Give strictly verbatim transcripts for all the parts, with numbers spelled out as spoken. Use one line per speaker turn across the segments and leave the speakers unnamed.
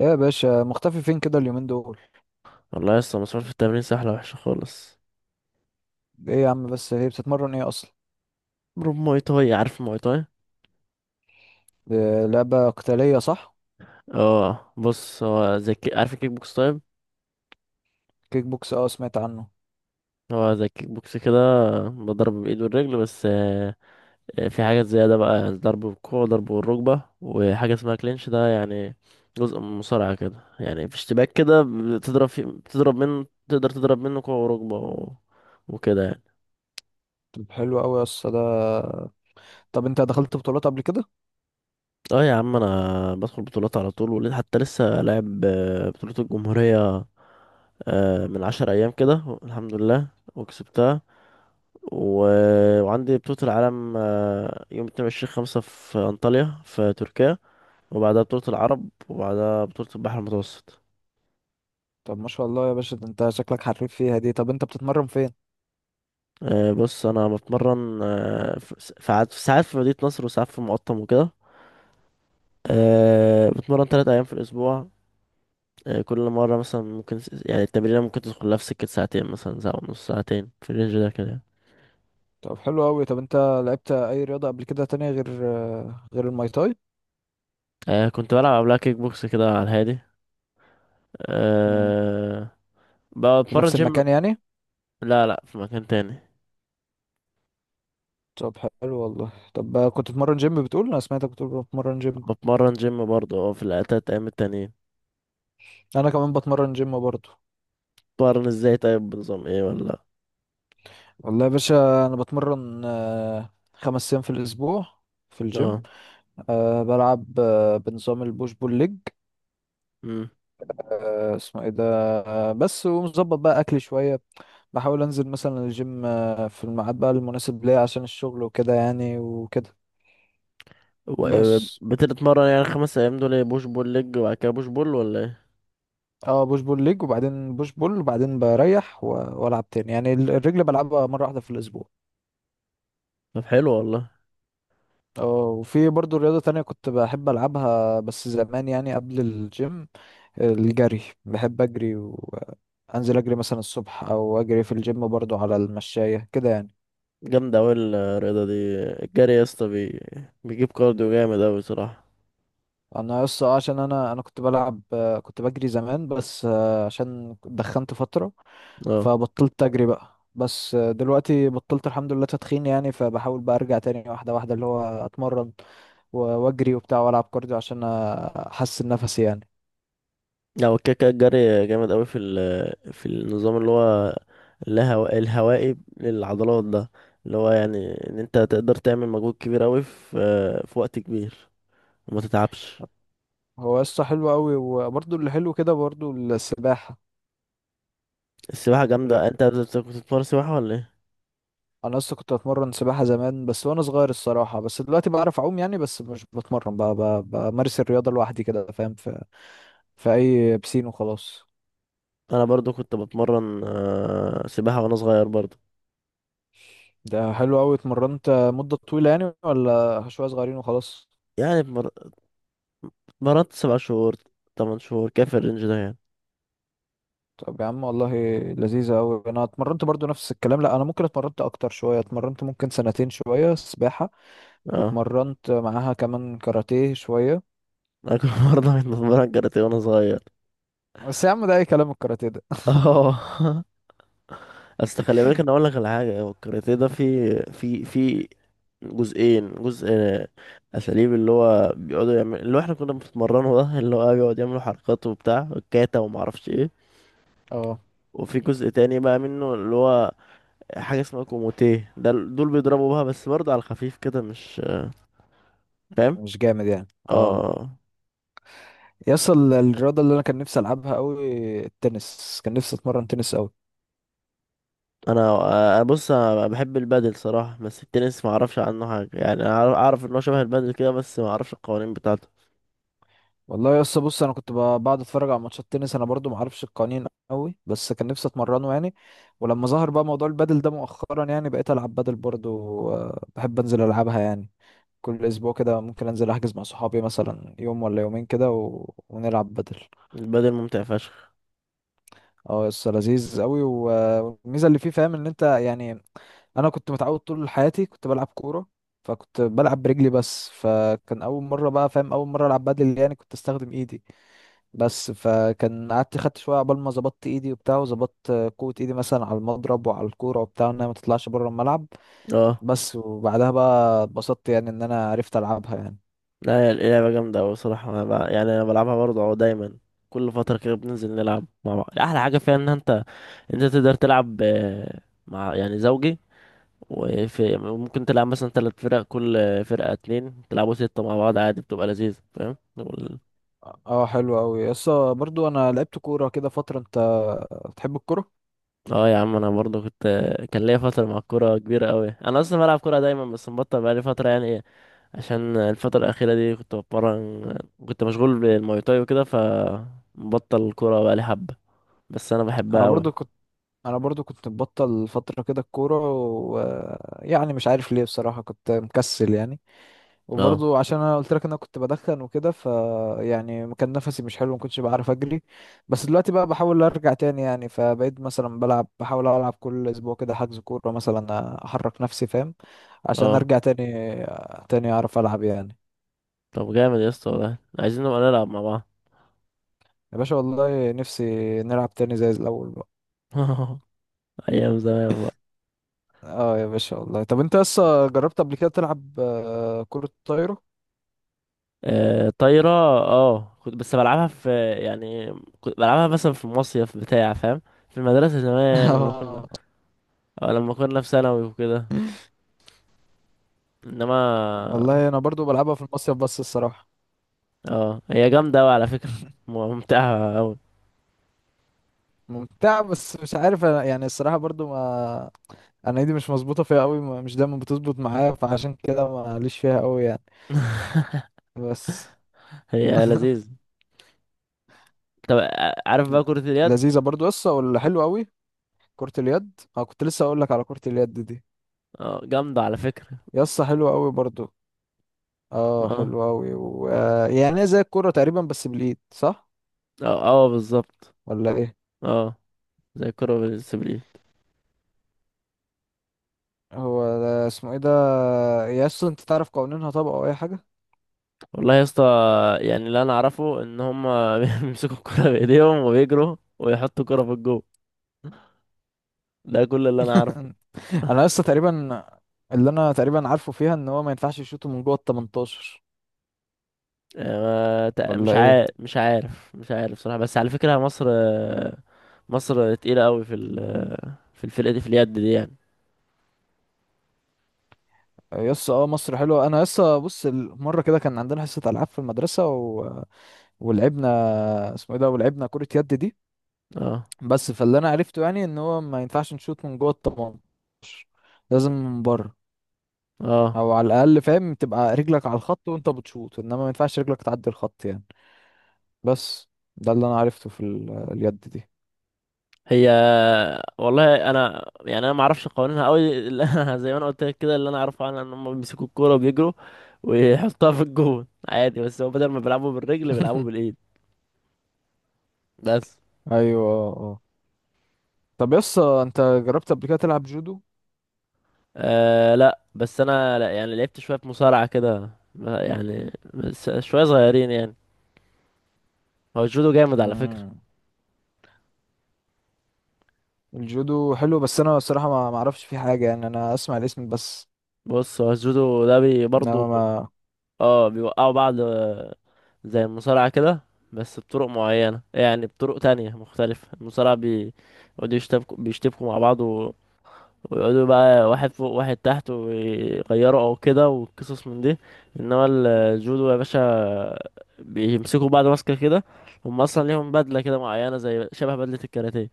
ايه يا باشا مختفي فين كده اليومين دول؟
والله يا اسطى، مسحول في التمرين سهلة وحشة خالص.
ايه يا عم بس هي بتتمرن ايه اصلا؟
بروب موي تاي، عارف الموي تاي؟
إيه، لعبة قتالية صح؟
اه، بص، هو زي الكي- عارف الكيك بوكس؟ طيب،
كيك بوكس اه سمعت عنه.
هو زي الكيك بوكس كده. بضرب بالايد والرجل بس آه، آه، في حاجات زيادة بقى، يعني ضرب بالكوع وضرب بالركبة، وحاجة اسمها كلينش. ده يعني جزء من المصارعة كده، يعني في اشتباك كده بتضرب فيه، بتضرب منه، تقدر تضرب منه كوع وركبة و... وكده يعني.
طب حلو قوي يا اسطى ده. طب انت دخلت بطولات قبل كده؟
اه يا عم، انا بدخل بطولات على طول، وليه حتى لسه لاعب آه، بطولة الجمهورية آه، من عشر أيام كده، الحمد لله. وكسبتها و... وعندي بطولة العالم آه، يوم اتنين وعشرين خمسة في أنطاليا في تركيا، وبعدها بطولة العرب، وبعدها بطولة البحر المتوسط.
طب ما شاء الله يا باشا، ده انت شكلك حريف فيها دي. طب انت بتتمرن فين؟
آه، بص، أنا بتمرن آه، في ساعات، ساعات في مدينة نصر، وساعات في المقطم وكده. آه، بتمرن تلات أيام في الأسبوع. آه، كل مرة مثلا ممكن س- يعني التمرينة ممكن تدخل لها في سكة ساعتين، مثلا ساعة ونص، ساعتين في الرينج ده كده يعني.
طب حلو قوي. طب انت لعبت اي رياضة قبل كده تانية غير غير الماي تاي؟
آه، كنت بلعب قبلها كيك بوكس كده على الهادي.
مم.
أه.
في
بتمرن
نفس
جيم.
المكان يعني؟
لا لا، في مكان تاني.
طب حلو والله. طب كنت بتمرن جيم، بتقول، انا سمعتك بتقول بتمرن جيم.
بتمرن جيم برضه، اه، في التلات ايام التانيين.
انا كمان بتمرن جيم برضه.
بتمرن ازاي؟ طيب بنظام ايه ولا؟
والله يا باشا انا بتمرن آه، خمس ايام في الاسبوع في الجيم.
اه.
أه بلعب، أه بنظام البوش بول ليج.
امم.
أه اسمه ايه ده؟ أه بس، ومظبط بقى اكلي شويه. بحاول انزل مثلا الجيم أه في الميعاد بقى المناسب ليا عشان الشغل وكده يعني وكده
و- آه،
بس.
بتتمرن يعني خمس ايام دول ايه، بوش بول ليج، وبعد كده بوش بول ولا ايه؟
اه بوش بول ليج وبعدين بوش بول وبعدين بريح و- والعب تاني يعني ال- الرجل بلعبها مره واحده في الاسبوع.
طب حلو والله.
اه، وفي برضو رياضه تانية كنت بحب العبها بس زمان، يعني قبل الجيم. الجري، بحب اجري وانزل اجري مثلا الصبح او اجري في الجيم برضو على المشاية كده يعني.
جامدة اوي الرياضة دي. الجري يا اسطى بي... بيجيب كارديو جامد اوي، بصراحة.
انا يس، آه، عشان انا انا كنت بلعب، آه، كنت بجري زمان بس، آه، عشان دخنت فترة،
اه.
فبطلت اجري بقى. بس آه، دلوقتي بطلت الحمد لله تدخين يعني، فبحاول بقى ارجع تاني واحدة واحدة اللي هو اتمرن و- واجري وبتاع والعب كارديو عشان احسن نفسي يعني.
لا، هو كده كده الجري جامد قوي في ال- في النظام اللي هو الهو... الهوائي للعضلات ده، اللي هو يعني ان انت تقدر تعمل مجهود كبير قوي في في وقت كبير، وما تتعبش.
هو قصة حلوة قوي، وبرضو اللي حلو كده برضو السباحة.
السباحة جامدة. انت بت- كنت بتتمرن سباحة ولا ايه؟
انا اصلا كنت بتمرن سباحه زمان بس وانا صغير الصراحه، بس دلوقتي بعرف اعوم يعني، بس مش بتمرن بقى بقى- بمارس الرياضه لوحدي كده، فاهم، في في اي بسين وخلاص.
انا برضو كنت بتمرن آه، سباحة وانا صغير برضو.
ده حلو قوي، اتمرنت مده طويله يعني ولا شويه صغيرين وخلاص؟
يعني اتمر- اتمرنت سبع شهور، تمن شهور، كيف الرينج ده يعني.
طب يا عم والله لذيذه قوي. انا اتمرنت برضو نفس الكلام، لا انا ممكن اتمرنت اكتر شويه، اتمرنت ممكن سنتين شويه سباحه.
اه،
واتمرنت معاها كمان كاراتيه شويه.
انا كنت برضه بتمرن كاراتيه وانا صغير.
بس يا عم ده اي كلام الكاراتيه ده.
اه اصل خلي بالك، انا اقول لك على حاجه. هو الكاراتيه ده في في في جزئين. جزء اساليب، اللي هو بيقعدوا يعمل، اللي هو احنا كنا بنتمرنه ده، اللي هو بيقعد يعملوا حركات وبتاع، كاتا وما اعرفش ايه.
اه
وفي جزء تاني بقى منه، اللي هو حاجه اسمها كوموتيه. ده ال- دول بيضربوا بها بس برضه على الخفيف كده، مش فاهم.
مش جامد يعني. اه.
اه.
يصل الرياضة اللي أنا كان نفسي ألعبها أوي، التنس، كان نفسي أتمرن تنس أوي.
انا أنا بص، انا بحب البادل صراحه. بس التنس ما اعرفش عنه حاجه يعني. أنا اعرف إن هو شبه البادل كده بس ما اعرفش القوانين بتاعته.
والله يا اسطى بص، أنا كنت ب- بقعد أتفرج على ماتشات تنس، أنا برضو معرفش القوانين أوي، بس كان نفسي أتمرنه يعني. ولما ظهر بقى موضوع البادل ده مؤخرا يعني بقيت ألعب بادل برضو. آه، بحب أنزل ألعبها يعني، كل أسبوع كده ممكن أنزل أحجز مع صحابي مثلا يوم ولا يومين كده و... ونلعب بادل.
البادل ممتع فشخ.
اه يس، لذيذ قوي و- والميزه اللي فيه، فاهم، ان انت يعني انا كنت متعود طول حياتي كنت بلعب كوره، فكنت بلعب برجلي بس، فكان اول مره بقى، فاهم، اول مره العب بدل يعني كنت استخدم ايدي بس، فكان قعدت خدت شويه عقبال ما ظبطت ايدي وبتاع وظبطت قوه ايدي مثلا على المضرب وعلى الكوره وبتاع انها ما تطلعش بره الملعب
اه.
بس. وبعدها بقى اتبسطت يعني ان انا عرفت العبها يعني.
لا، هي اللعبة جامدة أوي صراحة. أنا بع- يعني أنا بلعبها برضه أهو، دايما كل فترة كده بننزل نلعب مع بعض. أحلى حاجة فيها إن أنت أنت تقدر تلعب آه، مع يعني زوجي. وفي ممكن تلعب مثلا تلات فرق، كل فرقة اتنين، تلعبوا ستة مع بعض عادي، بتبقى لذيذة فاهم. وال-
اه حلو قوي يس. برضو انا لعبت كوره كده فتره، انت بتحب الكوره؟
اه يا عم، انا برضه كنت كان ليا فترة مع الكورة كبيرة قوي. انا اصلا بلعب كورة دايما بس مبطل بقالي فترة يعني، ايه عشان الفترة الأخيرة دي كنت بتمرن. كنت مشغول بالمواي تاي وكده، فمبطل الكورة بقالي حبة، بس انا بحبها
انا
قوي.
برضو كنت انا برضو كنت مبطل فترة كده الكورة، ويعني مش عارف ليه بصراحة، كنت مكسل يعني.
اه.
وبرضو عشان انا قلت لك انا كنت بدخن وكده، ف يعني كان نفسي مش حلو، ما كنتش بعرف اجري. بس دلوقتي بقى بحاول ارجع تاني يعني، فبقيت مثلا بلعب، بحاول العب كل اسبوع كده حجز كورة مثلا، احرك نفسي فاهم، عشان
اه.
ارجع تاني تاني اعرف العب يعني.
طب جامد يا اسطى والله، عايزين نبقى نلعب مع بعض.
يا باشا والله نفسي نلعب تاني زي الاول بقى.
ايام زمان بقى.
اه يا باشا والله. طب انت لسه جربت قبل كده تلعب آه، كرة طايرة؟
آه طايرة؟ اه، كنت بس بلعبها في يعني، كنت بلعبها مثلا في مصيف بتاع فاهم، في المدرسة زمان لما كنا.
اه
اه، لما كنا في ثانوي وكده، انما.
والله انا برضو بلعبها في المصيف بس الصراحه.
اه، هي جامدة اوي على فكرة، ممتعة اوي.
ممتعه، بس مش عارف أنا يعني الصراحه برضو ما، انا ايدي مش مظبوطه فيها قوي، ما- مش دايما بتظبط معايا، فعشان كده ما ليش فيها قوي يعني. بس.
هي لذيذ. طب ع- عارف
ل-
بقى كرة
لذيذه
اليد؟
برضو يسطا، ولا حلوه قوي. كره اليد، اه كنت لسه اقول لك على كره اليد دي،
اه جامدة على فكرة.
يسطا حلوه قوي برضو. اه
اه
حلوه قوي و... آه، يعني هي زي الكوره تقريبا بس بالايد، صح
اه، اه بالظبط.
ولا ايه؟
اه. زي الكرة بالسبليل.
هو ده اسمه ايه ده؟ يسطا انت تعرف قوانينها طبعا او اي حاجه؟
والله يا اسطى، يعني اللي انا اعرفه ان هم بيمسكوا الكرة بايديهم وبيجروا ويحطوا الكرة في الجو. ده كل اللي انا اعرفه.
انا لسه تقريبا، اللي انا تقريبا عارفه فيها ان هو ما ينفعش يشوطه من جوه ال تمنتاشر،
آه، ما تق- مش
ولا ايه.
عارف مش عارف مش عارف صراحة. بس على فكرة مصر، مصر تقيلة قوي في ال- في الفرقة دي في اليد دي يعني.
يس اه مصر حلوه. انا لسه بص ال- مره كده كان عندنا حصه العاب في المدرسه و... ولعبنا، اسمه ايه ده، ولعبنا كره يد دي.
اه.
بس فاللي انا عرفته يعني ان هو ما ينفعش نشوط من جوه ال ثمانية عشر، لازم من بره.
اه.
او على الاقل فاهم تبقى رجلك على الخط وانت بتشوط، انما ما ينفعش رجلك تعدي الخط يعني. بس. ده اللي انا عرفته في ال... اليد دي.
هي، والله انا يعني انا ما اعرفش قوانينها قوي زي ما انا قلت لك كده، اللي انا اعرفه عنها ان هم بيمسكوا الكوره وبيجروا ويحطوها في الجون عادي، بس هو بدل ما بيلعبوا بالرجل بيلعبوا بالايد، بس.
ايوه اه اه. طب يس انت جربت قبل كده تلعب جودو؟
أه، لا، بس انا لا يعني، لعبت شويه في مصارعه كده، ما- يعني بس شويه صغيرين يعني. هو الجودو جامد على فكره.
مم. الجودو حلو بس انا الصراحه ما ما اعرفش فيه حاجه يعني، انا اسمع الاسم بس،
بص، هو الجودو ده بي برضو،
انما ما.
اه، بيوقعوا بعض آه، زي المصارعه كده، بس بطرق معينه يعني، بطرق تانية مختلفه. المصارعه بي بيقعدوا يشتبكوا، بيشتبكوا مع بعض ويقعدوا بقى واحد فوق واحد تحت ويغيروا او كده، وقصص من دي. انما الجودو يا باشا، بيمسكوا بعض ماسكه كده، هم اصلا ليهم بدله كده معينه زي شبه بدله الكاراتيه،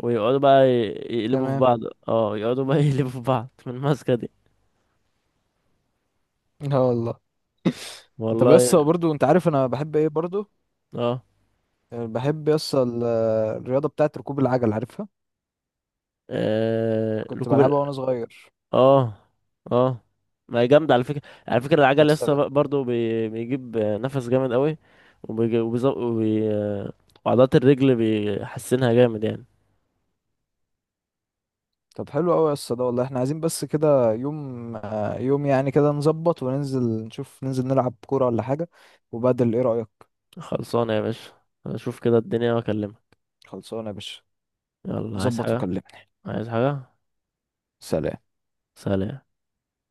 ويقعدوا بقى ي- يقلبوا في
تمام.
بعض. اه، يقعدوا بقى يقلبوا في بعض من الماسكه دي.
لا والله. طب يس
والله.
برضو، انت عارف انا بحب ايه برضو؟
اه.
بحب يس ال- الرياضه بتاعت ركوب العجل، عارفها؟
آه...
كنت
ركوب؟
بلعبها وانا صغير.
اه. اه. ما هي جامدة على فكرة. على فكرة العجل
يس،
لسه برضه بي... بيجيب نفس جامد قوي. وبيجي... وبيز... وبي... وعضلات الرجل بيحسنها جامد يعني.
طب حلو قوي يس ده. والله احنا عايزين بس كده يوم، آه، يوم يعني كده نظبط وننزل نشوف، ننزل نلعب كوره ولا حاجه، وبدل، ايه رايك؟
خلصانة يا باشا، اشوف كده الدنيا واكلمك.
خلصانه يا باشا.
يلا عايز
ظبط
حاجة؟
وكلمني.
عايز حاجة؟
سلام.
سلام.